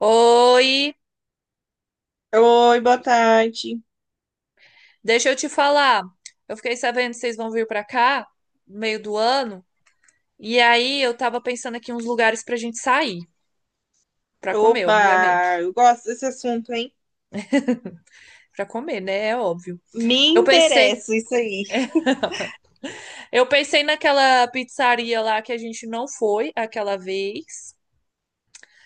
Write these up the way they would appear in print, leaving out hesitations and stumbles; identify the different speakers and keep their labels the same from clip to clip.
Speaker 1: Oi,
Speaker 2: Oi, boa tarde.
Speaker 1: deixa eu te falar. Eu fiquei sabendo que vocês vão vir pra cá no meio do ano, e aí eu tava pensando aqui uns lugares pra gente sair, pra comer,
Speaker 2: Opa,
Speaker 1: obviamente.
Speaker 2: eu gosto desse assunto, hein?
Speaker 1: Pra comer, né? É óbvio.
Speaker 2: Me
Speaker 1: Eu pensei,
Speaker 2: interessa isso aí.
Speaker 1: eu pensei naquela pizzaria lá que a gente não foi aquela vez,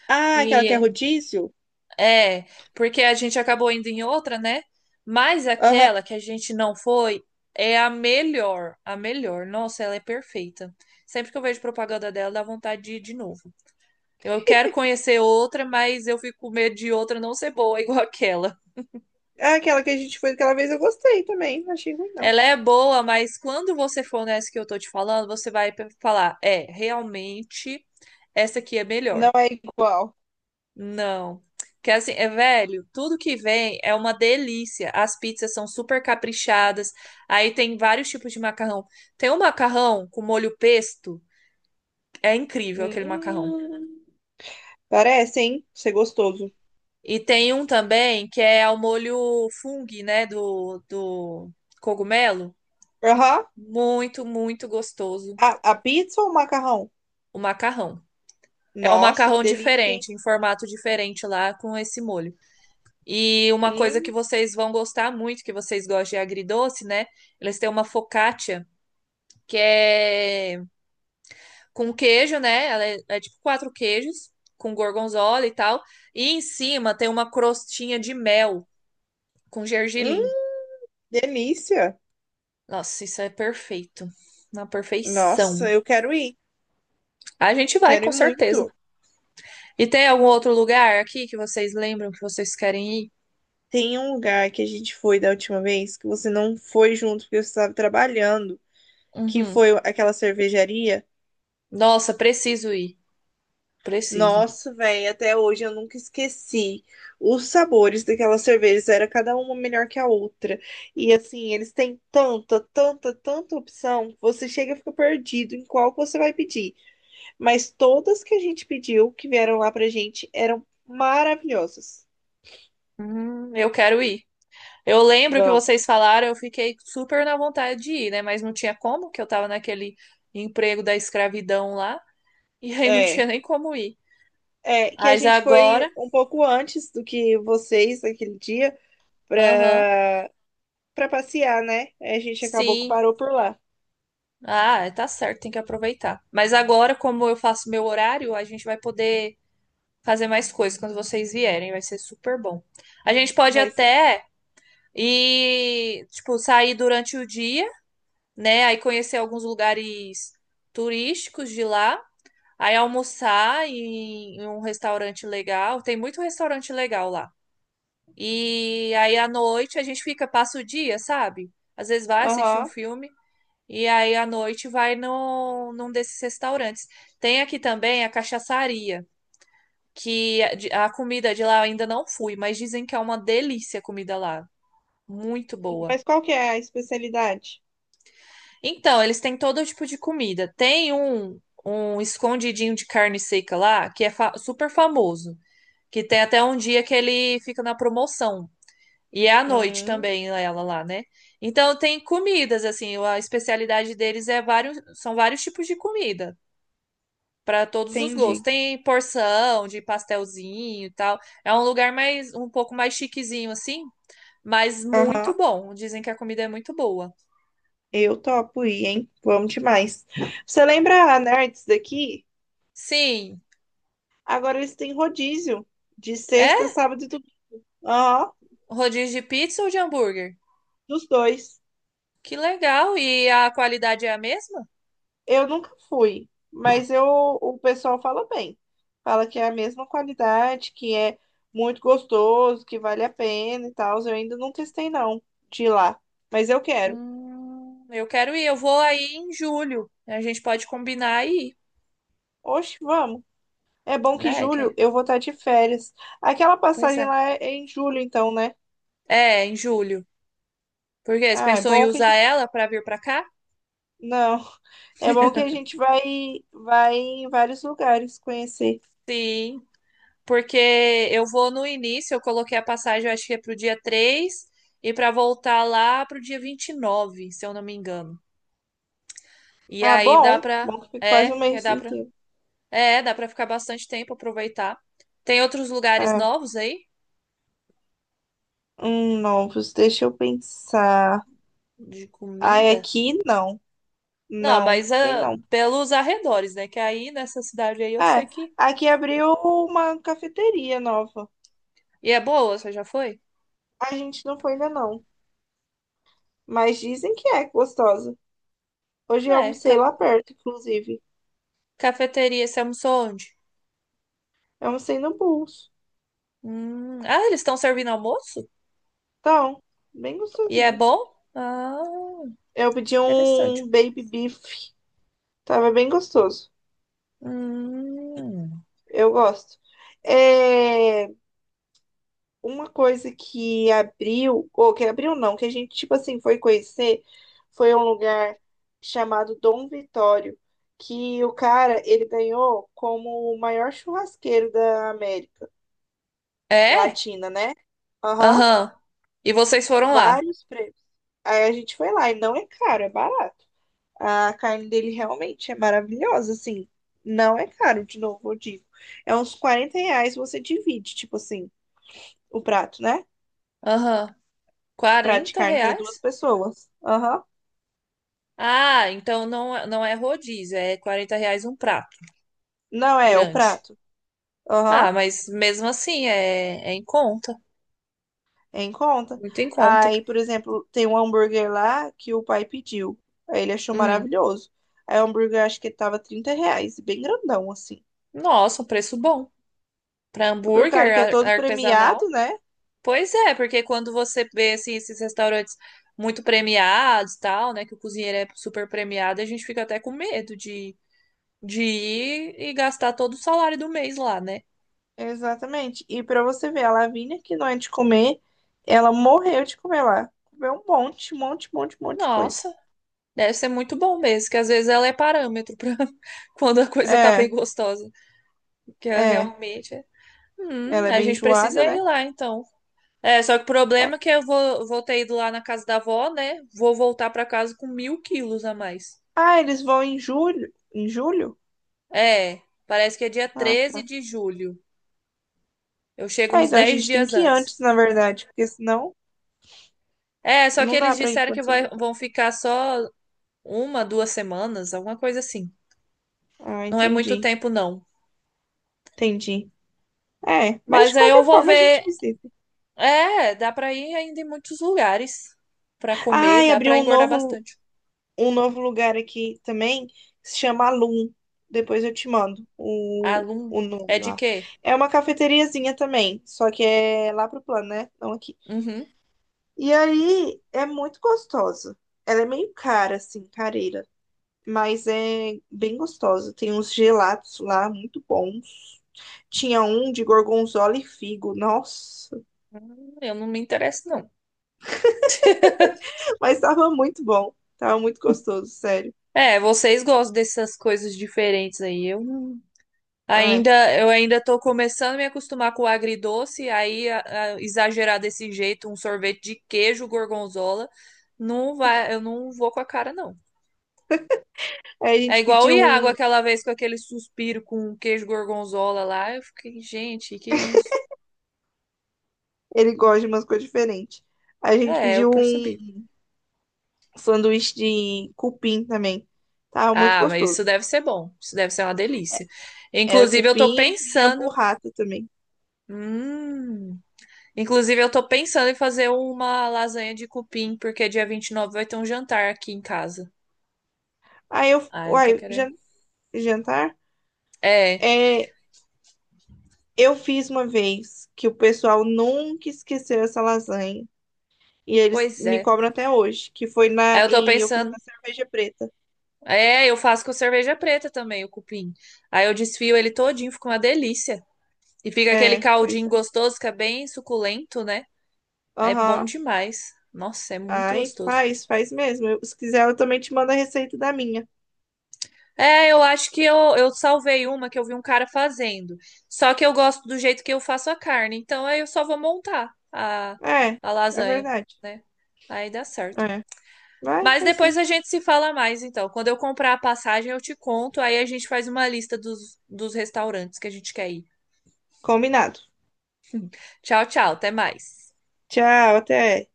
Speaker 2: Ah, aquela que é
Speaker 1: e
Speaker 2: rodízio?
Speaker 1: É, porque a gente acabou indo em outra, né? Mas
Speaker 2: Aham.
Speaker 1: aquela que a gente não foi é a melhor, a melhor. Nossa, ela é perfeita. Sempre que eu vejo propaganda dela, dá vontade de ir de novo. Eu quero conhecer outra, mas eu fico com medo de outra não ser boa igual aquela.
Speaker 2: Ah, aquela que a gente foi aquela vez eu gostei também. Não achei ruim, não.
Speaker 1: Ela é boa, mas quando você for nessa que eu tô te falando, você vai falar, é, realmente essa aqui é melhor.
Speaker 2: Não é igual.
Speaker 1: Não. Que assim, é velho, tudo que vem é uma delícia. As pizzas são super caprichadas. Aí tem vários tipos de macarrão. Tem um macarrão com molho pesto, é incrível aquele macarrão.
Speaker 2: Hum, parece, hein? Ser gostoso.
Speaker 1: E tem um também que é ao molho fung, né, do cogumelo.
Speaker 2: Aham.
Speaker 1: Muito, muito gostoso
Speaker 2: A pizza ou o macarrão?
Speaker 1: o macarrão. É um
Speaker 2: Nossa, que
Speaker 1: macarrão
Speaker 2: delícia, hein?
Speaker 1: diferente, em formato diferente lá com esse molho. E uma coisa que
Speaker 2: Hum,
Speaker 1: vocês vão gostar muito, que vocês gostam de agridoce, né? Eles têm uma focaccia, que é com queijo, né? Ela é, é tipo quatro queijos, com gorgonzola e tal. E em cima tem uma crostinha de mel com
Speaker 2: hum,
Speaker 1: gergelim.
Speaker 2: delícia.
Speaker 1: Nossa, isso é perfeito. Na
Speaker 2: Nossa,
Speaker 1: perfeição.
Speaker 2: eu quero ir.
Speaker 1: A gente vai,
Speaker 2: Quero
Speaker 1: com
Speaker 2: ir muito.
Speaker 1: certeza. E tem algum outro lugar aqui que vocês lembram que vocês querem ir?
Speaker 2: Tem um lugar que a gente foi da última vez que você não foi junto porque você estava trabalhando, que
Speaker 1: Uhum.
Speaker 2: foi aquela cervejaria.
Speaker 1: Nossa, preciso ir. Preciso.
Speaker 2: Nossa, velho, até hoje eu nunca esqueci. Os sabores daquelas cervejas era cada uma melhor que a outra. E assim, eles têm tanta, tanta, tanta opção, que você chega e fica perdido em qual que você vai pedir. Mas todas que a gente pediu, que vieram lá pra gente, eram maravilhosas.
Speaker 1: Eu quero ir. Eu lembro que
Speaker 2: Vamos.
Speaker 1: vocês falaram, eu fiquei super na vontade de ir, né? Mas não tinha como, que eu tava naquele emprego da escravidão lá, e aí não
Speaker 2: É.
Speaker 1: tinha nem como ir.
Speaker 2: É, que a
Speaker 1: Mas
Speaker 2: gente foi
Speaker 1: agora,
Speaker 2: um pouco antes do que vocês naquele dia
Speaker 1: aham,
Speaker 2: pra, pra passear, né? Aí a gente acabou que
Speaker 1: sim.
Speaker 2: parou por lá.
Speaker 1: Ah, tá certo, tem que aproveitar. Mas agora, como eu faço meu horário, a gente vai poder fazer mais coisas quando vocês vierem, vai ser super bom. A gente pode
Speaker 2: Vai ser.
Speaker 1: até ir, tipo, sair durante o dia, né? Aí conhecer alguns lugares turísticos de lá. Aí almoçar em um restaurante legal. Tem muito restaurante legal lá. E aí à noite a gente fica, passa o dia, sabe? Às vezes vai assistir um
Speaker 2: Aham.
Speaker 1: filme. E aí à noite vai num desses restaurantes. Tem aqui também a cachaçaria, que a comida de lá eu ainda não fui, mas dizem que é uma delícia a comida lá. Muito boa.
Speaker 2: Mas qual que é a especialidade?
Speaker 1: Então, eles têm todo tipo de comida. Tem um escondidinho de carne seca lá, que é super famoso. Que tem até um dia que ele fica na promoção. E é à noite
Speaker 2: Hum,
Speaker 1: também ela lá, né? Então tem comidas, assim, a especialidade deles são vários tipos de comida para todos os gostos.
Speaker 2: entendi.
Speaker 1: Tem porção de pastelzinho e tal. É um lugar mais um pouco mais chiquezinho assim, mas muito
Speaker 2: Aham.
Speaker 1: bom. Dizem que a comida é muito boa.
Speaker 2: Eu topo ir, hein? Vamos demais. Você lembra a Nerds daqui?
Speaker 1: Sim,
Speaker 2: Agora eles têm rodízio de sexta,
Speaker 1: é
Speaker 2: sábado e domingo. Aham.
Speaker 1: rodízio de pizza ou de hambúrguer?
Speaker 2: Dos dois.
Speaker 1: Que legal! E a qualidade é a mesma?
Speaker 2: Eu nunca fui, mas eu, o pessoal fala bem. Fala que é a mesma qualidade, que é muito gostoso, que vale a pena e tal. Eu ainda não testei, não, de ir lá. Mas eu quero.
Speaker 1: Eu quero ir, eu vou aí em julho. A gente pode combinar aí,
Speaker 2: Oxe, vamos. É bom que
Speaker 1: né?
Speaker 2: julho
Speaker 1: Que,
Speaker 2: eu vou estar de férias. Aquela
Speaker 1: pois
Speaker 2: passagem
Speaker 1: é.
Speaker 2: lá é em julho, então, né?
Speaker 1: É, em julho. Por quê? Você
Speaker 2: Ah, é
Speaker 1: pensou em
Speaker 2: bom que a
Speaker 1: usar
Speaker 2: gente...
Speaker 1: ela para vir para cá?
Speaker 2: Não. É bom que a gente vai, vai em vários lugares conhecer.
Speaker 1: Sim, porque eu vou no início, eu coloquei a passagem, eu acho que é pro dia 3 e para voltar lá pro dia 29, se eu não me engano. E
Speaker 2: Ah,
Speaker 1: aí dá
Speaker 2: bom.
Speaker 1: pra.
Speaker 2: Bom que fica quase
Speaker 1: É,
Speaker 2: um
Speaker 1: que
Speaker 2: mês
Speaker 1: dá pra.
Speaker 2: inteiro.
Speaker 1: É, dá pra ficar bastante tempo aproveitar. Tem outros lugares
Speaker 2: Ah,
Speaker 1: novos aí
Speaker 2: novos. Deixa eu pensar.
Speaker 1: de
Speaker 2: Ai,
Speaker 1: comida?
Speaker 2: aqui não.
Speaker 1: Não,
Speaker 2: Não,
Speaker 1: mas
Speaker 2: tem
Speaker 1: ah,
Speaker 2: não.
Speaker 1: pelos arredores, né? Que aí nessa cidade aí eu sei
Speaker 2: É,
Speaker 1: que.
Speaker 2: aqui abriu uma cafeteria nova.
Speaker 1: E é boa, você já foi?
Speaker 2: A gente não foi ainda não, mas dizem que é gostosa. Hoje eu
Speaker 1: É,
Speaker 2: almocei lá perto, inclusive.
Speaker 1: cafeteria, você almoçou onde?
Speaker 2: Eu almocei no Bulls.
Speaker 1: Ah, eles estão servindo almoço?
Speaker 2: Então, bem
Speaker 1: E é
Speaker 2: gostosinho.
Speaker 1: bom? Ah,
Speaker 2: Eu pedi um
Speaker 1: interessante.
Speaker 2: baby beef, tava bem gostoso.
Speaker 1: Hum.
Speaker 2: Eu gosto. É... Uma coisa que abriu, ou que abriu não, que a gente, tipo assim, foi conhecer, foi um lugar chamado Dom Vitório, que o cara, ele ganhou como o maior churrasqueiro da América
Speaker 1: É?
Speaker 2: Latina, né? Aham,
Speaker 1: Aham. E vocês foram lá?
Speaker 2: vários prêmios. Aí a gente foi lá e não é caro, é barato. A carne dele realmente é maravilhosa, assim, não é caro, de novo, eu digo. É uns R$ 40 você divide, tipo assim, o prato, né?
Speaker 1: Aham.
Speaker 2: Prato de
Speaker 1: 40
Speaker 2: carne para
Speaker 1: reais?
Speaker 2: duas pessoas. Aham.
Speaker 1: Ah, então não, não é rodízio, é R$ 40 um prato
Speaker 2: Não é, o
Speaker 1: grande.
Speaker 2: prato. Aham.
Speaker 1: Ah, mas mesmo assim é, é em conta,
Speaker 2: É em conta.
Speaker 1: muito em conta.
Speaker 2: Aí, por exemplo, tem um hambúrguer lá que o pai pediu. Aí ele achou
Speaker 1: Hum.
Speaker 2: maravilhoso. Aí o hambúrguer acho que tava R$ 30, bem grandão assim.
Speaker 1: Nossa, um preço bom. Para
Speaker 2: Pro cara
Speaker 1: hambúrguer
Speaker 2: que é todo
Speaker 1: artesanal?
Speaker 2: premiado, né?
Speaker 1: Pois é, porque quando você vê assim, esses restaurantes muito premiados, e tal, né, que o cozinheiro é super premiado, a gente fica até com medo de ir e gastar todo o salário do mês lá, né?
Speaker 2: Exatamente. E pra você ver, a Lavínia, que não é de comer, ela morreu de comer lá. Comeu um monte, um monte, um monte, um monte de coisa.
Speaker 1: Nossa, deve ser muito bom mesmo, que às vezes ela é parâmetro para quando a coisa tá
Speaker 2: É,
Speaker 1: bem gostosa, que é
Speaker 2: é.
Speaker 1: realmente é.
Speaker 2: Ela é
Speaker 1: A
Speaker 2: bem
Speaker 1: gente precisa
Speaker 2: enjoada,
Speaker 1: ir
Speaker 2: né?
Speaker 1: lá então. É, só que o problema
Speaker 2: É.
Speaker 1: é que eu vou ter ido lá na casa da avó, né? Vou voltar pra casa com mil quilos a mais.
Speaker 2: Ah, eles vão em julho? Em julho?
Speaker 1: É, parece que é dia
Speaker 2: Ah,
Speaker 1: 13
Speaker 2: tá.
Speaker 1: de julho. Eu chego
Speaker 2: É,
Speaker 1: uns
Speaker 2: então a
Speaker 1: 10
Speaker 2: gente tem
Speaker 1: dias
Speaker 2: que ir
Speaker 1: antes.
Speaker 2: antes, na verdade, porque senão
Speaker 1: É, só que
Speaker 2: não dá
Speaker 1: eles
Speaker 2: pra ir
Speaker 1: disseram que
Speaker 2: quando você voltar.
Speaker 1: vão ficar só uma, duas semanas, alguma coisa assim.
Speaker 2: Ah,
Speaker 1: Não é muito
Speaker 2: entendi,
Speaker 1: tempo, não.
Speaker 2: entendi. É, mas
Speaker 1: Mas
Speaker 2: de
Speaker 1: aí eu
Speaker 2: qualquer
Speaker 1: vou
Speaker 2: forma a gente
Speaker 1: ver.
Speaker 2: visita.
Speaker 1: É, dá pra ir ainda em muitos lugares pra comer,
Speaker 2: Ai,
Speaker 1: dá
Speaker 2: abriu
Speaker 1: pra engordar bastante.
Speaker 2: um novo lugar aqui também, que se chama Alum. Depois eu te mando o,
Speaker 1: Alum,
Speaker 2: o
Speaker 1: é
Speaker 2: nome
Speaker 1: de
Speaker 2: lá.
Speaker 1: quê?
Speaker 2: É uma cafeteriazinha também, só que é lá pro plano, né? Não aqui.
Speaker 1: Uhum.
Speaker 2: E aí é muito gostosa. Ela é meio cara, assim, careira. Mas é bem gostosa. Tem uns gelatos lá muito bons. Tinha um de gorgonzola e figo, nossa,
Speaker 1: Eu não me interesso, não.
Speaker 2: mas tava muito bom, tava muito gostoso, sério.
Speaker 1: É, vocês gostam dessas coisas diferentes aí. Eu não-
Speaker 2: É.
Speaker 1: ainda, eu ainda tô começando a me acostumar com o agridoce, aí a exagerar desse jeito, um sorvete de queijo gorgonzola, não vai, eu não vou com a cara, não.
Speaker 2: Aí a
Speaker 1: É
Speaker 2: gente
Speaker 1: igual o
Speaker 2: pediu
Speaker 1: Iago
Speaker 2: um,
Speaker 1: aquela vez com aquele suspiro com queijo gorgonzola lá, eu fiquei, gente, que isso?
Speaker 2: ele gosta de umas coisas diferentes. Aí a gente
Speaker 1: É, eu
Speaker 2: pediu
Speaker 1: percebi.
Speaker 2: um sanduíche de cupim também, tava muito
Speaker 1: Ah, mas
Speaker 2: gostoso.
Speaker 1: isso deve ser bom, isso deve ser uma delícia.
Speaker 2: Era
Speaker 1: Inclusive, eu tô
Speaker 2: cupim e vinha
Speaker 1: pensando,
Speaker 2: burrata também.
Speaker 1: hum. Inclusive, eu tô pensando em fazer uma lasanha de cupim, porque dia 29 vai ter um jantar aqui em casa.
Speaker 2: Aí
Speaker 1: Ah, eu tô querendo.
Speaker 2: jantar?
Speaker 1: É,
Speaker 2: É, eu fiz uma vez que o pessoal nunca esqueceu essa lasanha. E eles
Speaker 1: pois
Speaker 2: me
Speaker 1: é.
Speaker 2: cobram até hoje, que foi
Speaker 1: Aí
Speaker 2: na.
Speaker 1: eu tô
Speaker 2: E eu fiz
Speaker 1: pensando.
Speaker 2: na cerveja preta.
Speaker 1: É, eu faço com cerveja preta também, o cupim. Aí eu desfio ele todinho, fica uma delícia. E fica aquele
Speaker 2: É, pois
Speaker 1: caldinho
Speaker 2: é.
Speaker 1: gostoso, que é bem suculento, né? É bom
Speaker 2: Aham.
Speaker 1: demais. Nossa, é muito
Speaker 2: Ai,
Speaker 1: gostoso.
Speaker 2: faz, faz mesmo. Se quiser, eu também te mando a receita da minha.
Speaker 1: É, eu acho que eu salvei uma que eu vi um cara fazendo. Só que eu gosto do jeito que eu faço a carne. Então aí eu só vou montar a,
Speaker 2: É,
Speaker 1: a
Speaker 2: é
Speaker 1: lasanha,
Speaker 2: verdade.
Speaker 1: né? Aí dá certo.
Speaker 2: É. Vai,
Speaker 1: Mas
Speaker 2: vai
Speaker 1: depois
Speaker 2: sim.
Speaker 1: a gente se fala mais, então. Quando eu comprar a passagem, eu te conto. Aí a gente faz uma lista dos restaurantes que a gente quer ir.
Speaker 2: Combinado.
Speaker 1: Tchau, tchau. Até mais.
Speaker 2: Tchau, até.